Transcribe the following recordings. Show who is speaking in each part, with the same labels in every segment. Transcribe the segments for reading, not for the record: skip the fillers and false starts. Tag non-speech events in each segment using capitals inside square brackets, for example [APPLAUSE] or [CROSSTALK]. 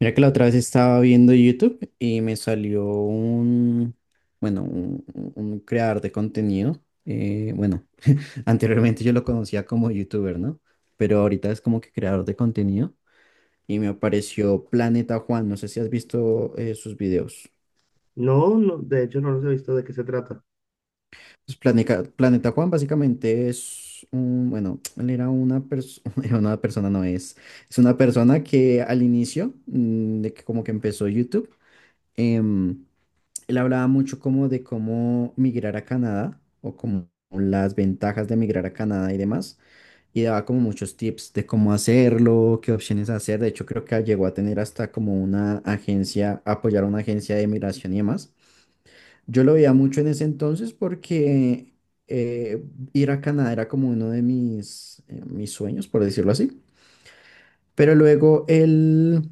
Speaker 1: Mira que la otra vez estaba viendo YouTube y me salió un creador de contenido. Bueno, [LAUGHS] Anteriormente yo lo conocía como YouTuber, ¿no? Pero ahorita es como que creador de contenido y me apareció Planeta Juan. No sé si has visto sus videos.
Speaker 2: No, no, de hecho no los he visto de qué se trata.
Speaker 1: Pues Planeta Juan básicamente es un, [TSK] él era una persona, [LAUGHS] era una persona no es, es una persona que al inicio, de que como que empezó YouTube. em, Él hablaba mucho como de cómo migrar a Canadá o como las ventajas de migrar a Canadá y demás. Y daba como muchos tips de cómo hacerlo, qué opciones hacer. De hecho, creo que llegó a tener hasta como una agencia, apoyar a una agencia de migración y demás. Yo lo veía mucho en ese entonces porque eh, ir a Canadá era como uno de mis sueños, por decirlo así. Pero luego él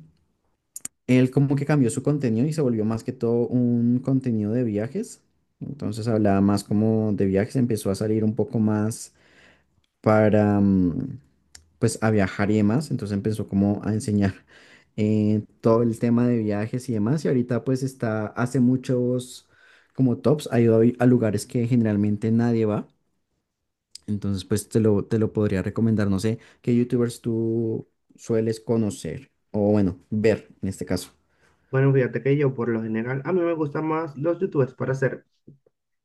Speaker 1: él como que cambió su contenido y se volvió más que todo un contenido de viajes. Entonces hablaba más como de viajes, empezó a salir un poco más para, mm, pues a viajar y demás. Entonces empezó como a enseñar, todo el tema de viajes y demás. Y ahorita pues está, hace muchos como tops, ha ido a, a lugares que generalmente nadie va. Entonces pues te lo podría recomendar. No sé qué youtubers tú sueles conocer o bueno, ver en este caso.
Speaker 2: Bueno, fíjate que yo por lo general, a mí me gustan más los YouTubers para hacer.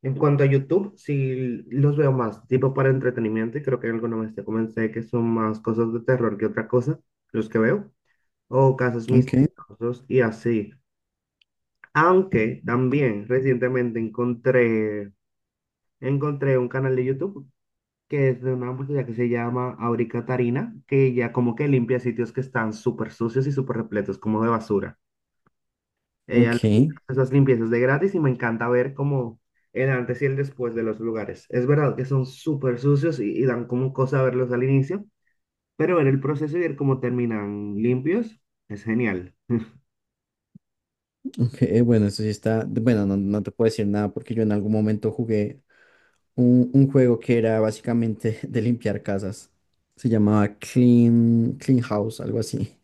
Speaker 2: En cuanto a YouTube, sí los veo más, tipo para entretenimiento, y creo que alguna vez te comenté que son más cosas de terror que otra cosa, los que veo, o casos
Speaker 1: Ok.
Speaker 2: misteriosos y así. Aunque también recientemente encontré un canal de YouTube que es de una muchacha que se llama Aurica Tarina, que ella como que limpia sitios que están súper sucios y súper repletos como de basura. Ella
Speaker 1: Ok,
Speaker 2: hace esas limpiezas de gratis y me encanta ver como el antes y el después de los lugares. Es verdad que son súper sucios y dan como cosa verlos al inicio, pero ver el proceso y ver cómo terminan limpios es genial. [LAUGHS]
Speaker 1: ok, bueno, eso sí está, bueno, no, no te puedo decir nada porque yo en algún momento jugué un juego que era básicamente [LAUGHS] de limpiar casas. Se llamaba Clean House, algo así.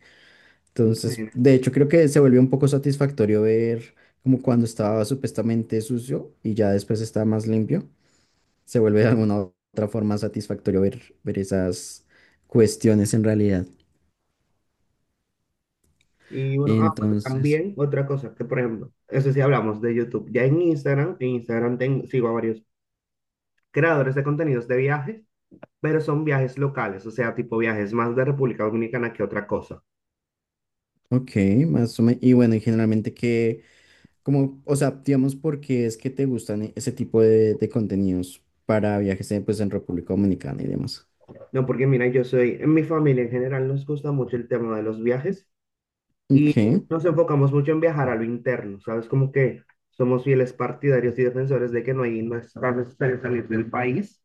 Speaker 1: Entonces,
Speaker 2: Increíble.
Speaker 1: de hecho, creo que se volvió un poco satisfactorio ver como cuando estaba supuestamente sucio y ya después está más limpio. Se vuelve de alguna otra forma satisfactorio ver esas cuestiones en realidad.
Speaker 2: Y bueno, ah, bueno,
Speaker 1: Entonces,
Speaker 2: también otra cosa, que por ejemplo, eso sí hablamos de YouTube. Ya en Instagram tengo, sigo a varios creadores de contenidos de viajes, pero son viajes locales, o sea, tipo viajes más de República Dominicana que otra cosa.
Speaker 1: ok, más o menos. Y bueno, y generalmente qué. Como, o sea, digamos, ¿por qué es que te gustan ese tipo de contenidos para viajes en, pues, en República Dominicana y demás?
Speaker 2: No, porque mira, yo soy, en mi familia en general nos gusta mucho el tema de los viajes y
Speaker 1: Ok,
Speaker 2: nos enfocamos mucho en viajar a lo interno, ¿sabes? Como que somos fieles partidarios y defensores de que no es tan necesario salir del país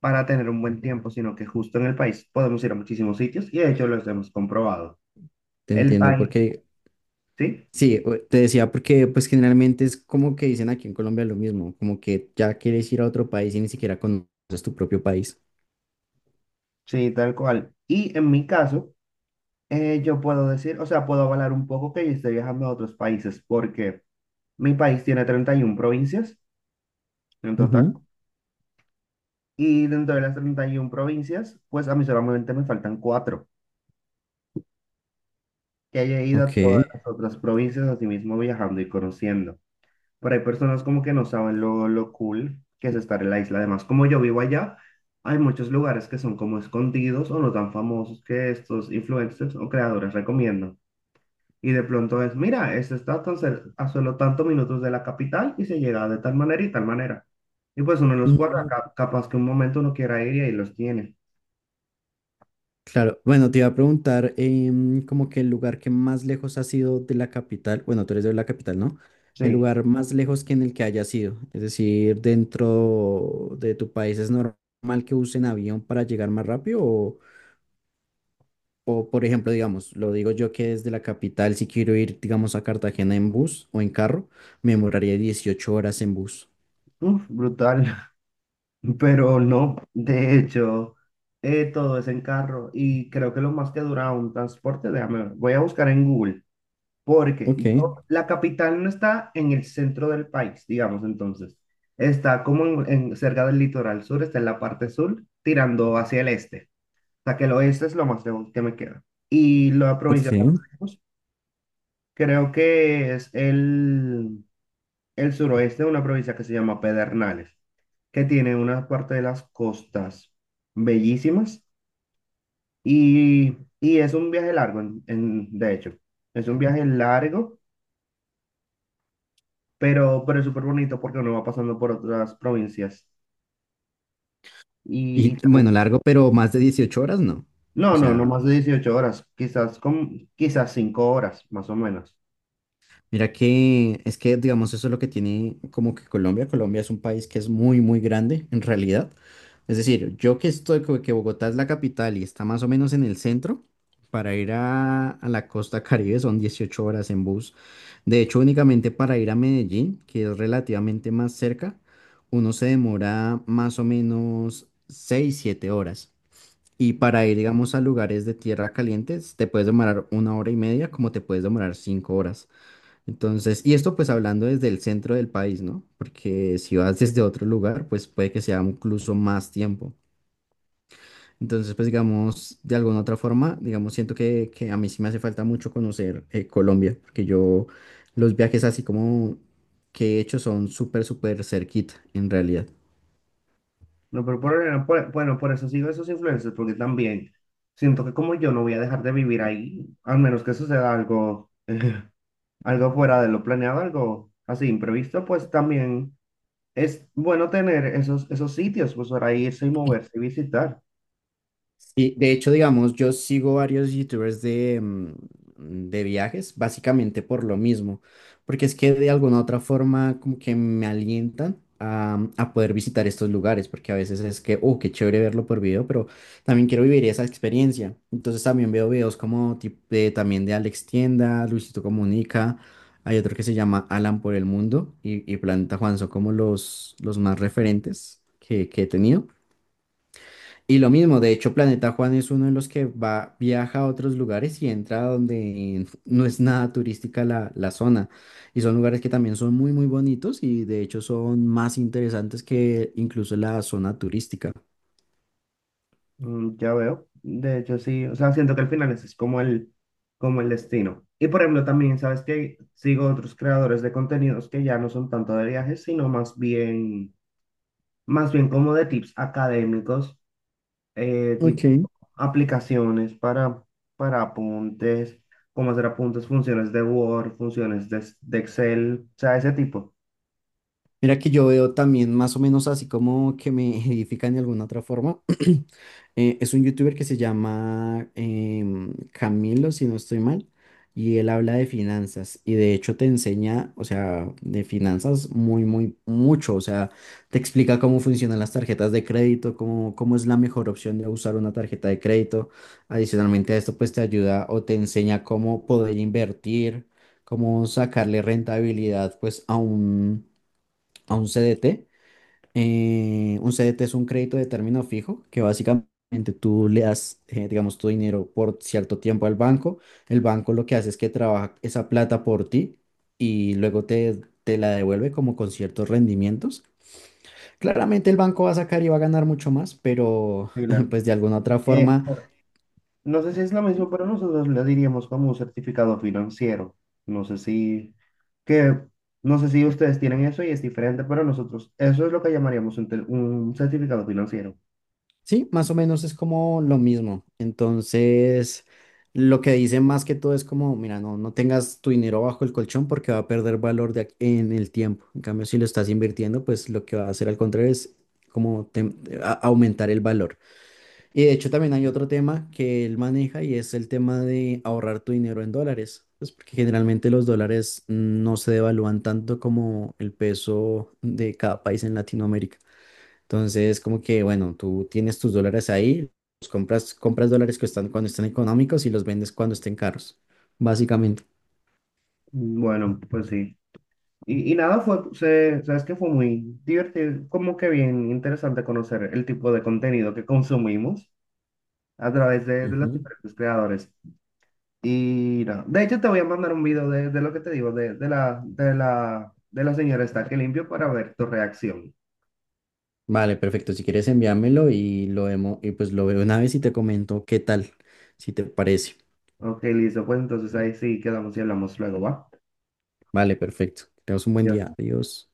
Speaker 2: para tener un buen tiempo, sino que justo en el país podemos ir a muchísimos sitios y de hecho los hemos comprobado.
Speaker 1: te
Speaker 2: El
Speaker 1: entiendo,
Speaker 2: país,
Speaker 1: porque
Speaker 2: ¿sí?
Speaker 1: sí, te decía porque pues generalmente es como que dicen aquí en Colombia lo mismo, como que ya quieres ir a otro país y ni siquiera conoces tu propio país.
Speaker 2: Sí, tal cual. Y en mi caso, yo puedo decir, o sea, puedo avalar un poco que yo esté viajando a otros países porque mi país tiene 31 provincias. En total.
Speaker 1: Ujú.
Speaker 2: Y dentro de las 31 provincias, pues a mí solamente me faltan cuatro, que haya ido a
Speaker 1: Ok.
Speaker 2: todas las otras provincias, así mismo viajando y conociendo. Pero hay personas como que no saben lo cool que es estar en la isla. Además, como yo vivo allá, hay muchos lugares que son como escondidos o no tan famosos que estos influencers o creadores recomiendan. Y de pronto es, mira, este está tan a solo tantos minutos de la capital y se llega de tal manera. Y pues uno los guarda,
Speaker 1: Mm,
Speaker 2: capaz que un momento uno quiera ir y ahí los tiene.
Speaker 1: Claro, bueno, te iba a preguntar, como que el lugar que más lejos ha sido de la capital, bueno, tú eres de la capital, ¿no? El
Speaker 2: Sí.
Speaker 1: lugar más lejos que en el que haya sido, es decir, dentro de tu país, ¿es normal que usen avión para llegar más rápido? Por ejemplo, digamos, lo digo yo que desde la capital, si quiero ir, digamos, a Cartagena en bus o en carro, me demoraría 18 horas en bus.
Speaker 2: Uf, brutal, [LAUGHS] pero no, de hecho, todo es en carro y creo que lo más que dura un transporte, déjame ver, voy a buscar en Google, porque
Speaker 1: Ok,
Speaker 2: la capital no está en el centro del país, digamos entonces, está como cerca del litoral sur, está en la parte sur, tirando hacia el este, o sea que el oeste es lo más lejos que me queda. Y la provincia más
Speaker 1: ok.
Speaker 2: lejos, creo que es el suroeste de una provincia que se llama Pedernales, que tiene una parte de las costas bellísimas y es un viaje largo, de hecho, es un viaje largo, pero es súper bonito porque uno va pasando por otras provincias y
Speaker 1: Y
Speaker 2: tal.
Speaker 1: bueno, largo, pero más de 18 horas no.
Speaker 2: No,
Speaker 1: O
Speaker 2: no, no
Speaker 1: sea,
Speaker 2: más de 18 horas, quizás, quizás 5 horas, más o menos.
Speaker 1: mira que es que, digamos, eso es lo que tiene como que Colombia. Colombia es un país que es muy, muy grande en realidad. Es decir, yo que estoy, como que Bogotá es la capital y está más o menos en el centro, para ir a la costa Caribe son 18 horas en bus. De hecho, únicamente para ir a Medellín, que es relativamente más cerca, uno se demora más o menos 6 7 horas. Y para ir, digamos, a lugares de tierra calientes, te puedes demorar 1 hora y media, como te puedes demorar 5 horas. Entonces, y esto pues hablando desde el centro del país, ¿no? Porque si vas desde otro lugar, pues puede que sea incluso más tiempo. Entonces, pues digamos, de alguna otra forma, digamos, siento que a mí sí me hace falta mucho conocer, Colombia, porque yo los viajes así como que he hecho son súper, súper cerquita, en realidad.
Speaker 2: No, pero bueno, por eso sigo esos influencers, porque también siento que como yo no voy a dejar de vivir ahí, al menos que suceda algo fuera de lo planeado, algo así imprevisto, pues también es bueno tener esos sitios, pues para irse y moverse y visitar.
Speaker 1: Sí, de hecho, digamos, yo sigo varios youtubers de viajes, básicamente por lo mismo, porque es que de alguna u otra forma como que me alientan a, a poder visitar estos lugares, porque a veces es que, oh, qué chévere verlo por video, pero también quiero vivir esa experiencia. Entonces también veo videos como también de Alex Tienda, Luisito Comunica, hay otro que se llama Alan por el Mundo y Planeta Juan, son como los más referentes que he tenido. Y lo mismo, de hecho, Planeta Juan es uno de los que va, viaja a otros lugares y entra donde no es nada turística la zona. Y son lugares que también son muy, muy bonitos y de hecho son más interesantes que incluso la zona turística.
Speaker 2: Mm, ya veo. De hecho, sí, o sea, siento que al final ese es como el destino. Y por ejemplo, también, ¿sabes que sigo otros creadores de contenidos que ya no son tanto de viajes, sino más bien como de tips académicos
Speaker 1: Ok,
Speaker 2: tipo, aplicaciones para apuntes, cómo hacer apuntes, funciones de Word, funciones de Excel, o sea, ese tipo.
Speaker 1: mira que yo veo también más o menos así como que me [LAUGHS] edifican de alguna otra forma. [CLEARS THROAT] Es un youtuber que se llama Camilo, si no estoy mal, y él habla de finanzas y de hecho te enseña, o sea, de finanzas muy, muy, mucho, o sea, te explica cómo funcionan las tarjetas de crédito, cómo es la mejor opción de usar una tarjeta de crédito. Adicionalmente a esto, pues te ayuda o te enseña cómo poder invertir, cómo sacarle rentabilidad, pues a un CDT. Un CDT es un crédito de término fijo que básicamente tú le das, digamos, tu dinero por cierto tiempo al banco. El banco lo que hace es que trabaja esa plata por ti y luego te la devuelve como con ciertos rendimientos. Claramente el banco va a sacar y va a ganar mucho más, pero
Speaker 2: Sí, claro.
Speaker 1: [LAUGHS] pues de alguna otra forma.
Speaker 2: Bueno, no sé si es lo mismo, pero nosotros le diríamos como un certificado financiero. No sé si, que, no sé si ustedes tienen eso y es diferente, pero nosotros, eso es lo que llamaríamos un certificado financiero.
Speaker 1: Sí, más o menos es como lo mismo. Entonces, lo que dicen más que todo es como, mira, no, no tengas tu dinero bajo el colchón porque va a perder valor en el tiempo. En cambio, si lo estás invirtiendo, pues lo que va a hacer al contrario es como tem- aumentar el valor. Y de hecho también hay otro tema que él maneja y es el tema de ahorrar tu dinero en dólares. Pues porque generalmente los dólares no se devalúan tanto como el peso de cada país en Latinoamérica. Entonces, como que, bueno, tú tienes tus dólares ahí, los compras, compras dólares que están cuando están económicos y los vendes cuando estén caros, básicamente.
Speaker 2: Bueno, pues sí. Y nada, sabes que fue muy divertido, como que bien interesante conocer el tipo de contenido que consumimos a través de los
Speaker 1: Ujú.
Speaker 2: diferentes creadores. Y nada, de hecho te voy a mandar un video de lo que te digo, de la señora está que limpio para ver tu reacción.
Speaker 1: Vale, perfecto. Si quieres enviármelo y lo vemos, y pues lo veo una vez y te comento qué tal, si te parece.
Speaker 2: Ok, listo, pues entonces ahí sí quedamos y hablamos luego, ¿va?
Speaker 1: Vale, perfecto. Que tengas un buen
Speaker 2: Ya
Speaker 1: día. Adiós.